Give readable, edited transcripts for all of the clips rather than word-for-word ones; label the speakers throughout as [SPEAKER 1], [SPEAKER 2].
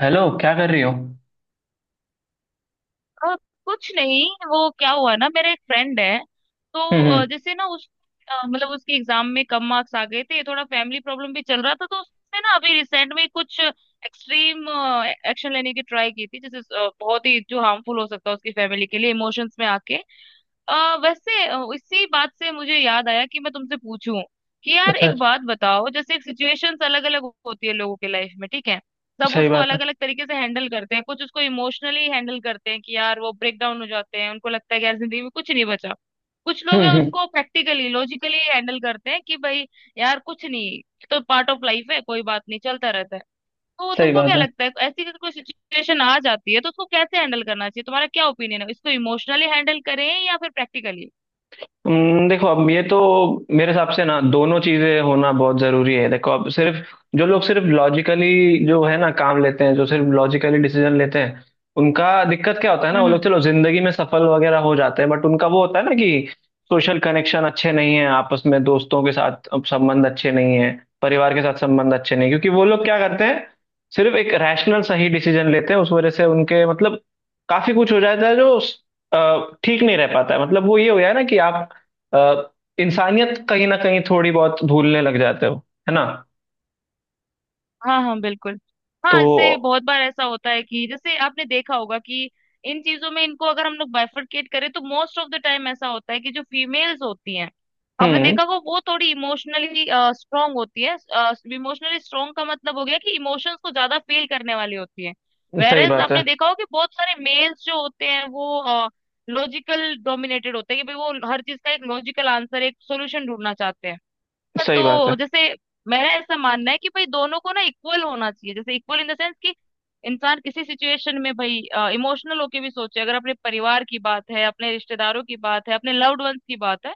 [SPEAKER 1] Hello, क्या कर रही हो? हम्म।
[SPEAKER 2] अ, कुछ नहीं, वो क्या हुआ ना, मेरा एक फ्रेंड है। तो
[SPEAKER 1] हम्म।
[SPEAKER 2] जैसे ना उस मतलब उसके एग्जाम में कम मार्क्स आ गए थे, थोड़ा फैमिली प्रॉब्लम भी चल रहा था, तो उसने ना अभी रिसेंट में कुछ एक्सट्रीम एक्शन लेने की ट्राई की थी। जैसे बहुत ही जो हार्मफुल हो सकता है उसकी फैमिली के लिए, इमोशंस में आके। वैसे इसी बात से मुझे याद आया कि मैं तुमसे पूछूं कि यार
[SPEAKER 1] अच्छा
[SPEAKER 2] एक
[SPEAKER 1] अच्छा।
[SPEAKER 2] बात बताओ, जैसे एक सिचुएशंस अलग अलग होती है लोगों के लाइफ में, ठीक है। सब
[SPEAKER 1] सही
[SPEAKER 2] उसको
[SPEAKER 1] बात है।
[SPEAKER 2] अलग अलग तरीके से हैंडल करते हैं। कुछ उसको इमोशनली हैंडल करते हैं कि यार वो ब्रेक डाउन हो जाते हैं, उनको लगता है कि यार जिंदगी में कुछ नहीं बचा। कुछ लोग हैं
[SPEAKER 1] हम्म।
[SPEAKER 2] उसको प्रैक्टिकली लॉजिकली हैंडल करते हैं कि भाई यार कुछ नहीं, ये तो पार्ट ऑफ लाइफ है, कोई बात नहीं, चलता रहता है। तो
[SPEAKER 1] सही
[SPEAKER 2] तुमको क्या
[SPEAKER 1] बात है।
[SPEAKER 2] लगता है, ऐसी अगर कोई सिचुएशन आ जाती है तो उसको कैसे हैंडल करना चाहिए? तुम्हारा क्या ओपिनियन है, इसको इमोशनली हैंडल करें या फिर प्रैक्टिकली?
[SPEAKER 1] देखो, अब ये तो मेरे हिसाब से ना दोनों चीजें होना बहुत जरूरी है। देखो, अब सिर्फ जो लोग सिर्फ लॉजिकली जो है ना काम लेते हैं, जो सिर्फ लॉजिकली डिसीजन लेते हैं, उनका दिक्कत क्या होता है ना, वो लोग चलो जिंदगी में सफल वगैरह हो जाते हैं, बट उनका वो होता है ना कि सोशल कनेक्शन अच्छे नहीं है, आपस में दोस्तों के साथ अब संबंध अच्छे नहीं है, परिवार के साथ संबंध अच्छे नहीं, क्योंकि वो लोग क्या करते हैं, सिर्फ एक रैशनल सही डिसीजन लेते हैं। उस वजह से उनके मतलब काफी कुछ हो जाता है जो ठीक नहीं रह पाता है। मतलब, वो ये हो गया ना कि आप अ, इंसानियत कहीं ना कहीं थोड़ी बहुत भूलने लग जाते हो, है ना।
[SPEAKER 2] हाँ हाँ बिल्कुल। हाँ,
[SPEAKER 1] तो।
[SPEAKER 2] इससे बहुत बार ऐसा होता है कि जैसे आपने देखा होगा कि इन चीजों में इनको अगर हम लोग बाइफरकेट करें तो मोस्ट ऑफ द टाइम ऐसा होता है कि जो फीमेल्स होती हैं, आपने
[SPEAKER 1] हम्म।
[SPEAKER 2] देखा होगा वो थोड़ी इमोशनली स्ट्रांग होती है। इमोशनली स्ट्रांग का मतलब हो गया कि इमोशंस को ज्यादा फील करने वाली होती है।
[SPEAKER 1] सही
[SPEAKER 2] वेरएस
[SPEAKER 1] बात
[SPEAKER 2] आपने
[SPEAKER 1] है।
[SPEAKER 2] देखा होगा कि बहुत सारे मेल्स जो होते हैं वो लॉजिकल डोमिनेटेड होते हैं कि भाई वो हर चीज का एक लॉजिकल आंसर, एक सोल्यूशन ढूंढना चाहते हैं।
[SPEAKER 1] सही बात
[SPEAKER 2] तो
[SPEAKER 1] है।
[SPEAKER 2] जैसे मेरा ऐसा मानना है कि भाई दोनों को ना इक्वल होना चाहिए। जैसे इक्वल इन द सेंस कि इंसान किसी सिचुएशन में भाई इमोशनल होके भी सोचे, अगर अपने परिवार की बात है, अपने रिश्तेदारों की बात है, अपने लव्ड वंस की बात है,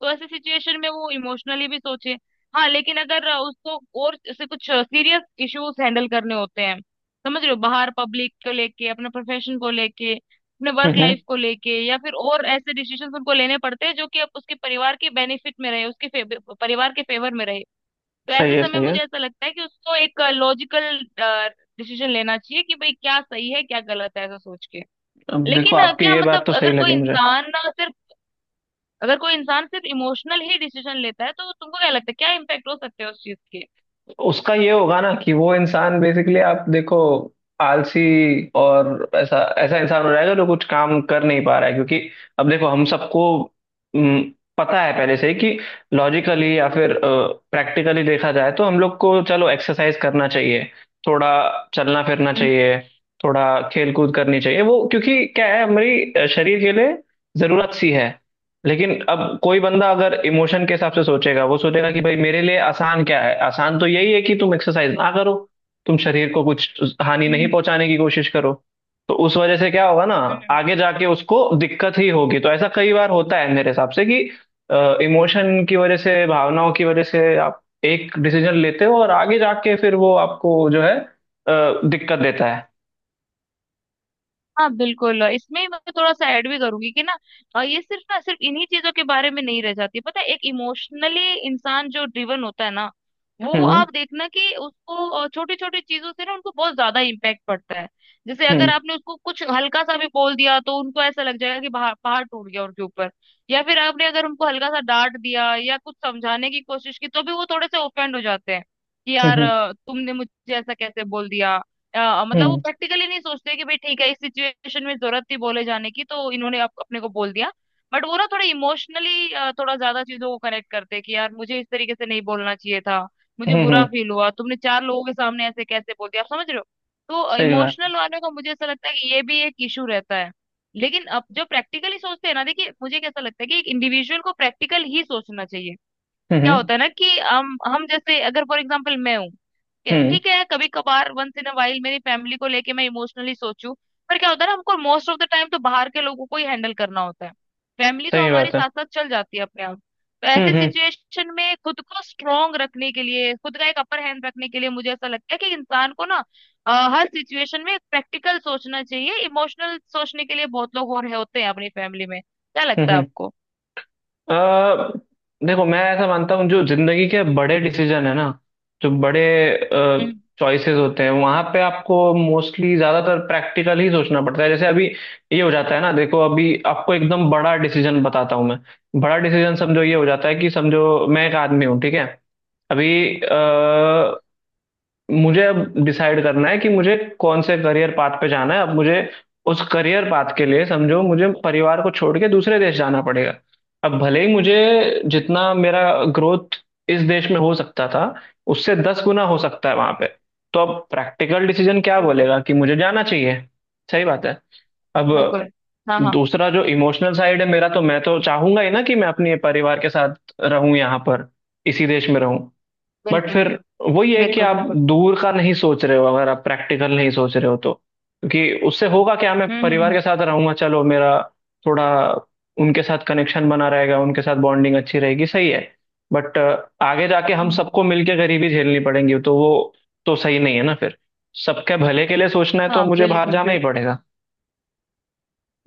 [SPEAKER 2] तो ऐसे सिचुएशन में वो इमोशनली भी सोचे। हाँ लेकिन अगर उसको और ऐसे कुछ सीरियस इश्यूज हैंडल करने होते हैं, समझ रहे हो, बाहर पब्लिक को लेके, अपने प्रोफेशन को लेके, अपने वर्क
[SPEAKER 1] हम्म।
[SPEAKER 2] लाइफ को लेके, या फिर और ऐसे डिसीजन उनको लेने पड़ते हैं जो कि अब उसके परिवार के बेनिफिट में रहे, उसके परिवार के फेवर में रहे, तो
[SPEAKER 1] सही
[SPEAKER 2] ऐसे
[SPEAKER 1] है
[SPEAKER 2] समय
[SPEAKER 1] सही
[SPEAKER 2] मुझे
[SPEAKER 1] है।
[SPEAKER 2] ऐसा लगता है कि उसको एक लॉजिकल डिसीजन लेना चाहिए कि भाई क्या सही है क्या गलत है, ऐसा सोच के।
[SPEAKER 1] अब देखो,
[SPEAKER 2] लेकिन
[SPEAKER 1] आपकी
[SPEAKER 2] क्या
[SPEAKER 1] ये बात
[SPEAKER 2] मतलब
[SPEAKER 1] तो सही
[SPEAKER 2] अगर कोई
[SPEAKER 1] लगी मुझे।
[SPEAKER 2] इंसान ना सिर्फ, अगर कोई इंसान सिर्फ इमोशनल ही डिसीजन लेता है तो तुमको क्या लगता है क्या इम्पैक्ट हो सकते हैं उस चीज के?
[SPEAKER 1] उसका ये होगा ना कि वो इंसान बेसिकली, आप देखो, आलसी और ऐसा ऐसा इंसान हो जाएगा जो कुछ काम कर नहीं पा रहा है। क्योंकि अब देखो, हम सबको हम्म, पता है पहले से ही कि लॉजिकली या फिर प्रैक्टिकली देखा जाए तो हम लोग को चलो एक्सरसाइज करना चाहिए, थोड़ा चलना फिरना
[SPEAKER 2] हम्म,
[SPEAKER 1] चाहिए, थोड़ा खेल कूद करनी चाहिए। वो क्योंकि क्या है, हमारी शरीर के लिए जरूरत सी है। लेकिन अब कोई बंदा अगर इमोशन के हिसाब से सोचेगा, वो सोचेगा कि भाई मेरे लिए आसान क्या है, आसान तो यही है कि तुम एक्सरसाइज ना करो, तुम शरीर को कुछ हानि नहीं
[SPEAKER 2] हम्म,
[SPEAKER 1] पहुंचाने की कोशिश करो। तो उस वजह से क्या होगा ना,
[SPEAKER 2] हम्म।
[SPEAKER 1] आगे जाके उसको दिक्कत ही होगी। तो ऐसा कई बार होता है मेरे हिसाब से कि इमोशन की वजह से, भावनाओं की वजह से, आप एक डिसीजन लेते हो और आगे जाके फिर वो आपको जो है दिक्कत देता है।
[SPEAKER 2] हाँ बिल्कुल। इसमें ही मैं थोड़ा सा ऐड भी करूंगी कि ना, ये सिर्फ ना सिर्फ इन्हीं चीजों के बारे में नहीं रह जाती, पता है? एक इमोशनली इंसान जो ड्रिवन होता है ना, वो
[SPEAKER 1] हम्म।
[SPEAKER 2] आप देखना कि उसको छोटी छोटी चीजों से ना, उनको बहुत ज्यादा इम्पैक्ट पड़ता है। जैसे अगर
[SPEAKER 1] हम्म।
[SPEAKER 2] आपने उसको कुछ हल्का सा भी बोल दिया तो उनको ऐसा लग जाएगा कि बाहर पहाड़ टूट गया उनके ऊपर। या फिर आपने अगर उनको हल्का सा डांट दिया या कुछ समझाने की कोशिश की तो भी वो थोड़े से ओफेंड हो जाते हैं कि यार
[SPEAKER 1] हम्म।
[SPEAKER 2] तुमने मुझे ऐसा कैसे बोल दिया। मतलब वो
[SPEAKER 1] हम्म।
[SPEAKER 2] प्रैक्टिकली नहीं सोचते कि भाई ठीक है, इस सिचुएशन में जरूरत थी बोले जाने की तो इन्होंने अपने को बोल दिया। बट वो ना थोड़ा इमोशनली, थोड़ा ज्यादा चीजों को कनेक्ट करते हैं कि यार मुझे इस तरीके से नहीं बोलना चाहिए था, मुझे
[SPEAKER 1] हम्म।
[SPEAKER 2] बुरा
[SPEAKER 1] हम्म।
[SPEAKER 2] फील हुआ, तुमने चार लोगों के सामने ऐसे कैसे बोल दिया, आप समझ रहे हो। तो
[SPEAKER 1] सही बात
[SPEAKER 2] इमोशनल वाले का मुझे ऐसा लगता है कि ये भी एक इशू रहता है। लेकिन अब जो प्रैक्टिकली सोचते हैं ना, देखिए मुझे कैसा लगता है कि एक इंडिविजुअल को प्रैक्टिकल ही सोचना चाहिए।
[SPEAKER 1] है।
[SPEAKER 2] क्या होता है ना कि हम जैसे अगर फॉर एग्जाम्पल मैं हूँ,
[SPEAKER 1] हम्म।
[SPEAKER 2] ठीक है, कभी कभार वंस इन अ वाइल मेरी फैमिली को लेके मैं इमोशनली सोचूं, पर क्या होता है ना, हमको मोस्ट ऑफ द टाइम तो बाहर के लोगों को ही हैंडल करना होता है। फैमिली तो
[SPEAKER 1] सही
[SPEAKER 2] हमारे
[SPEAKER 1] बात है।
[SPEAKER 2] साथ साथ चल जाती है अपने आप। तो ऐसी
[SPEAKER 1] हम्म।
[SPEAKER 2] सिचुएशन में खुद को स्ट्रांग रखने के लिए, खुद का एक अपर हैंड रखने के लिए मुझे ऐसा लगता है कि इंसान को ना अ, हर सिचुएशन में प्रैक्टिकल सोचना चाहिए। इमोशनल सोचने के लिए बहुत लोग हो रहे होते हैं अपनी फैमिली में। क्या
[SPEAKER 1] हम्म
[SPEAKER 2] लगता है
[SPEAKER 1] हम्म।
[SPEAKER 2] आपको?
[SPEAKER 1] देखो, मैं ऐसा मानता हूँ, जो जिंदगी के बड़े डिसीजन है ना, जो बड़े
[SPEAKER 2] हम्म,
[SPEAKER 1] चॉइसेस होते हैं, वहां पे आपको मोस्टली ज्यादातर प्रैक्टिकल ही सोचना पड़ता है। जैसे अभी ये हो जाता है ना, देखो अभी आपको एकदम बड़ा डिसीजन बताता हूँ मैं। बड़ा डिसीजन समझो, ये हो जाता है कि समझो मैं एक आदमी हूँ, ठीक है। अभी मुझे अब डिसाइड करना है कि मुझे कौन से करियर पाथ पे जाना है। अब मुझे उस करियर पाथ के लिए समझो मुझे परिवार को छोड़ के दूसरे देश जाना पड़ेगा। अब भले ही मुझे,
[SPEAKER 2] हम्म,
[SPEAKER 1] जितना मेरा ग्रोथ इस देश में हो सकता था, उससे 10 गुना हो सकता है वहां पे। तो अब प्रैक्टिकल डिसीजन क्या
[SPEAKER 2] बिल्कुल।
[SPEAKER 1] बोलेगा, कि मुझे जाना चाहिए। सही बात है। अब
[SPEAKER 2] बिल्कुल। हाँ हाँ।
[SPEAKER 1] दूसरा जो इमोशनल साइड है मेरा, तो मैं तो चाहूंगा ही ना कि मैं अपने परिवार के साथ रहूं यहाँ पर, इसी देश में रहूं। बट
[SPEAKER 2] बिल्कुल
[SPEAKER 1] फिर वही है कि
[SPEAKER 2] बिल्कुल।
[SPEAKER 1] आप
[SPEAKER 2] बिल्कुल।
[SPEAKER 1] दूर का नहीं सोच रहे हो, अगर आप प्रैक्टिकल नहीं सोच रहे हो तो, क्योंकि उससे होगा क्या, मैं परिवार
[SPEAKER 2] हम्म।
[SPEAKER 1] के साथ रहूंगा, चलो मेरा थोड़ा उनके साथ कनेक्शन बना रहेगा, उनके साथ बॉन्डिंग अच्छी रहेगी, सही है। बट आगे जाके हम
[SPEAKER 2] हम्म हम्म,
[SPEAKER 1] सबको मिलके गरीबी झेलनी पड़ेगी, तो वो तो सही नहीं है ना फिर। सबके भले के लिए सोचना है तो
[SPEAKER 2] हाँ
[SPEAKER 1] मुझे बाहर
[SPEAKER 2] बिल्कुल
[SPEAKER 1] जाना ही
[SPEAKER 2] बिल्कुल।
[SPEAKER 1] पड़ेगा।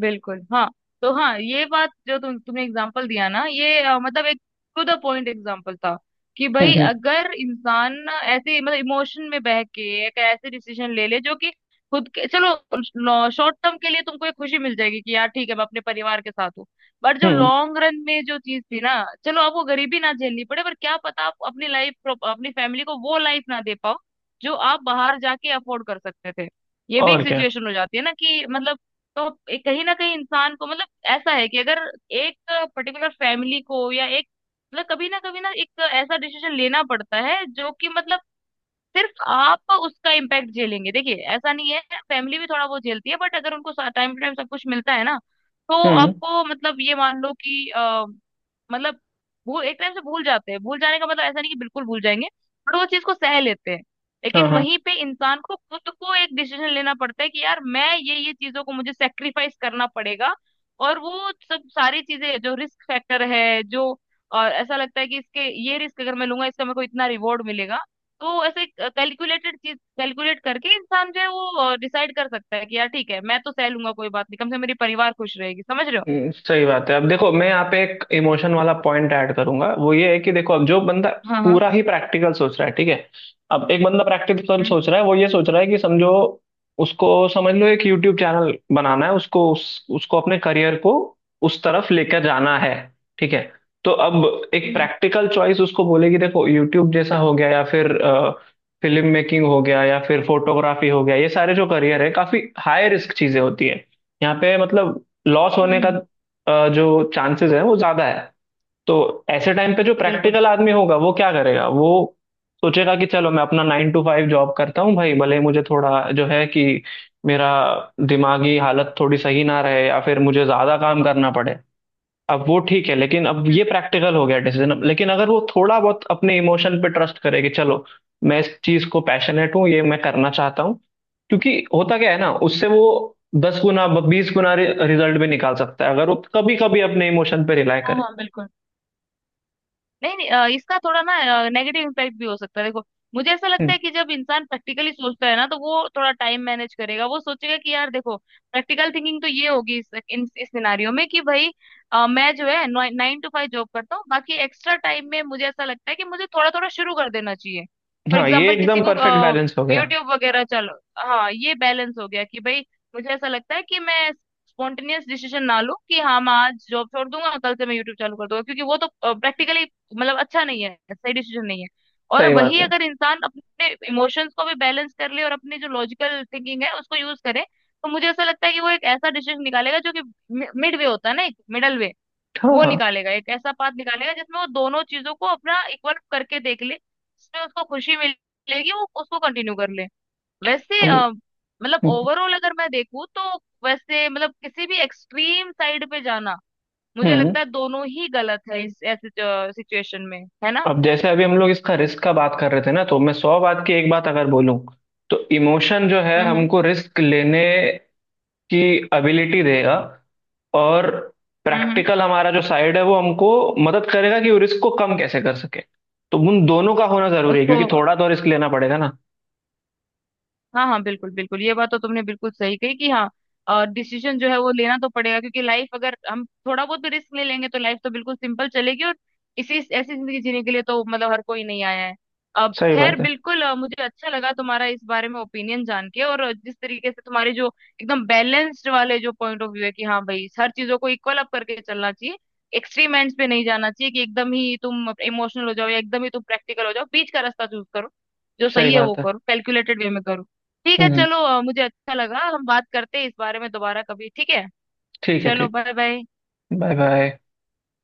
[SPEAKER 2] बिल्कुल हाँ। तो हाँ, ये बात जो तुमने एग्जांपल दिया ना, ये मतलब एक टू द पॉइंट एग्जांपल था कि भाई
[SPEAKER 1] हम्म।
[SPEAKER 2] अगर इंसान ऐसे मतलब इमोशन में बह के एक ऐसे डिसीजन ले ले जो कि खुद के, चलो शॉर्ट टर्म के लिए तुमको एक खुशी मिल जाएगी कि यार ठीक है मैं अपने परिवार के साथ हूँ, बट जो
[SPEAKER 1] हम्म।
[SPEAKER 2] लॉन्ग रन में जो चीज थी ना, चलो आपको गरीबी ना झेलनी पड़े, पर क्या पता आप अपनी लाइफ, अपनी फैमिली को वो लाइफ ना दे पाओ जो आप बाहर जाके अफोर्ड कर सकते थे। ये भी एक
[SPEAKER 1] और क्या।
[SPEAKER 2] सिचुएशन हो जाती है ना कि मतलब, तो कहीं ना कहीं इंसान को, मतलब ऐसा है कि अगर एक पर्टिकुलर फैमिली को या एक, मतलब कभी ना कभी ना एक ऐसा डिसीजन लेना पड़ता है जो कि मतलब सिर्फ आप उसका इम्पैक्ट झेलेंगे, देखिए ऐसा नहीं है, फैमिली भी थोड़ा बहुत झेलती है। बट अगर उनको टाइम टू टाइम सब कुछ मिलता है ना, तो
[SPEAKER 1] हम्म।
[SPEAKER 2] आपको मतलब ये मान लो कि मतलब वो एक टाइम से भूल जाते हैं। भूल जाने का मतलब ऐसा नहीं कि बिल्कुल भूल जाएंगे, बट वो चीज को सह लेते हैं।
[SPEAKER 1] हाँ
[SPEAKER 2] लेकिन
[SPEAKER 1] हाँ।
[SPEAKER 2] वहीं पे इंसान को खुद को एक डिसीजन लेना पड़ता है कि यार मैं ये चीजों को मुझे सेक्रीफाइस करना पड़ेगा, और वो सब सारी चीजें जो रिस्क फैक्टर है, जो, और ऐसा लगता है कि इसके, ये रिस्क अगर मैं लूंगा इसका मेरे को इतना रिवॉर्ड मिलेगा। तो ऐसे कैलकुलेटेड, चीज कैलकुलेट करके इंसान जो है वो डिसाइड कर सकता है कि यार ठीक है मैं तो सह लूंगा कोई बात नहीं, कम से कम मेरी परिवार खुश रहेगी, समझ रहे हो।
[SPEAKER 1] हम्म। सही बात है। अब देखो, मैं यहाँ पे एक इमोशन वाला पॉइंट ऐड करूंगा। वो ये है कि देखो, अब जो बंदा
[SPEAKER 2] हाँ हाँ।
[SPEAKER 1] पूरा ही प्रैक्टिकल सोच रहा है, ठीक है। अब एक बंदा प्रैक्टिकल
[SPEAKER 2] हम्म
[SPEAKER 1] सोच रहा है, वो ये सोच रहा है कि समझो, उसको समझ लो एक यूट्यूब चैनल बनाना है, उसको उसको अपने करियर को उस तरफ लेकर जाना है, ठीक है। तो अब एक
[SPEAKER 2] हम्म।
[SPEAKER 1] प्रैक्टिकल चॉइस उसको बोलेगी, देखो यूट्यूब जैसा हो गया, या फिर फिल्म मेकिंग हो गया, या फिर फोटोग्राफी हो गया, ये सारे जो करियर है काफी हाई रिस्क चीजें होती है। यहाँ पे मतलब लॉस होने का
[SPEAKER 2] हम्म,
[SPEAKER 1] जो चांसेस है वो ज्यादा है। तो ऐसे टाइम पे जो
[SPEAKER 2] बिल्कुल।
[SPEAKER 1] प्रैक्टिकल आदमी होगा वो क्या करेगा, वो सोचेगा कि चलो मैं अपना 9 to 5 जॉब करता हूँ, भाई भले ही मुझे थोड़ा जो है कि मेरा दिमागी हालत थोड़ी सही ना रहे, या फिर मुझे ज्यादा काम करना पड़े। अब वो ठीक है, लेकिन अब
[SPEAKER 2] हम्म,
[SPEAKER 1] ये प्रैक्टिकल हो गया डिसीजन। अब लेकिन अगर वो थोड़ा बहुत अपने इमोशन पे ट्रस्ट करे कि चलो मैं इस चीज को पैशनेट हूँ, ये मैं करना चाहता हूँ, क्योंकि होता क्या है ना, उससे वो 10 गुना 20 गुना रिजल्ट भी निकाल सकता है अगर वो कभी कभी अपने इमोशन पे रिलाय
[SPEAKER 2] हाँ
[SPEAKER 1] करे।
[SPEAKER 2] हाँ बिल्कुल। नहीं नहीं, इसका थोड़ा ना नेगेटिव इम्पैक्ट भी हो सकता है, देखो मुझे ऐसा लगता
[SPEAKER 1] हम्म।
[SPEAKER 2] है कि जब इंसान प्रैक्टिकली सोचता है ना, तो वो थोड़ा टाइम मैनेज करेगा। वो सोचेगा कि यार देखो प्रैक्टिकल थिंकिंग तो ये होगी इस इस सिनारियो में, कि भाई मैं जो है नाइन टू फाइव जॉब करता हूँ, बाकी एक्स्ट्रा टाइम में मुझे ऐसा लगता है कि मुझे थोड़ा थोड़ा शुरू कर देना चाहिए। फॉर
[SPEAKER 1] हाँ, ये
[SPEAKER 2] एग्जाम्पल किसी
[SPEAKER 1] एकदम
[SPEAKER 2] को
[SPEAKER 1] परफेक्ट बैलेंस हो गया।
[SPEAKER 2] यूट्यूब वगैरह, चलो हाँ ये बैलेंस हो गया कि भाई मुझे ऐसा लगता है कि मैं स्पॉन्टेनियस डिसीजन ना लूं कि हाँ मैं आज जॉब छोड़ दूंगा, कल से मैं यूट्यूब चालू कर दूंगा, क्योंकि वो तो प्रैक्टिकली मतलब अच्छा नहीं है, सही डिसीजन नहीं है। और
[SPEAKER 1] सही बात
[SPEAKER 2] वही
[SPEAKER 1] है।
[SPEAKER 2] अगर इंसान अपने इमोशंस को भी बैलेंस कर ले और अपनी जो लॉजिकल थिंकिंग है उसको यूज करे, तो मुझे ऐसा लगता है कि वो एक ऐसा डिसीजन निकालेगा जो कि मिड वे होता है ना, एक मिडल वे
[SPEAKER 1] हाँ
[SPEAKER 2] वो
[SPEAKER 1] हाँ।
[SPEAKER 2] निकालेगा, एक ऐसा पाथ निकालेगा जिसमें वो दोनों चीजों को अपना इक्वल करके देख ले, जिसमें उसको खुशी मिलेगी वो उसको कंटिन्यू कर ले। वैसे
[SPEAKER 1] हम।
[SPEAKER 2] मतलब ओवरऑल अगर मैं देखूँ तो वैसे मतलब किसी भी एक्सट्रीम साइड पे जाना मुझे
[SPEAKER 1] हम्म।
[SPEAKER 2] लगता है दोनों ही गलत है इस ऐसे सिचुएशन में, है ना।
[SPEAKER 1] अब जैसे अभी हम लोग इसका रिस्क का बात कर रहे थे ना, तो मैं सौ बात की एक बात अगर बोलूं, तो इमोशन जो है
[SPEAKER 2] हम्म
[SPEAKER 1] हमको रिस्क लेने की एबिलिटी देगा, और
[SPEAKER 2] हम्म। हम्म
[SPEAKER 1] प्रैक्टिकल हमारा जो साइड है वो हमको मदद करेगा कि रिस्क को कम कैसे कर सके। तो उन दोनों का होना जरूरी है,
[SPEAKER 2] उसको
[SPEAKER 1] क्योंकि थोड़ा तो रिस्क लेना पड़ेगा ना।
[SPEAKER 2] हाँ हाँ बिल्कुल बिल्कुल, ये बात तो तुमने बिल्कुल सही कही कि हाँ, और डिसीजन जो है वो लेना तो पड़ेगा क्योंकि लाइफ, अगर हम थोड़ा बहुत भी रिस्क ले लेंगे तो लाइफ तो बिल्कुल सिंपल चलेगी, और इसी ऐसी जिंदगी जीने के लिए तो मतलब हर कोई नहीं आया है। अब
[SPEAKER 1] सही
[SPEAKER 2] खैर
[SPEAKER 1] बात है।
[SPEAKER 2] बिल्कुल, मुझे अच्छा लगा तुम्हारा इस बारे में ओपिनियन जान के, और जिस तरीके से तुम्हारे जो एकदम बैलेंस्ड वाले जो पॉइंट ऑफ व्यू है कि हाँ भाई हर चीजों को इक्वल अप करके चलना चाहिए, एक्सट्रीम एंड्स पे नहीं जाना चाहिए, कि एकदम ही तुम इमोशनल हो जाओ या एकदम ही तुम प्रैक्टिकल हो जाओ, बीच का रास्ता चूज करो, जो
[SPEAKER 1] सही
[SPEAKER 2] सही है वो
[SPEAKER 1] बात है।
[SPEAKER 2] करो, कैलकुलेटेड वे में करो। ठीक है
[SPEAKER 1] हम्म।
[SPEAKER 2] चलो, मुझे अच्छा लगा। हम बात करते हैं इस बारे में दोबारा कभी, ठीक है।
[SPEAKER 1] ठीक है
[SPEAKER 2] चलो
[SPEAKER 1] ठीक
[SPEAKER 2] बाय बाय।
[SPEAKER 1] है। Bye bye.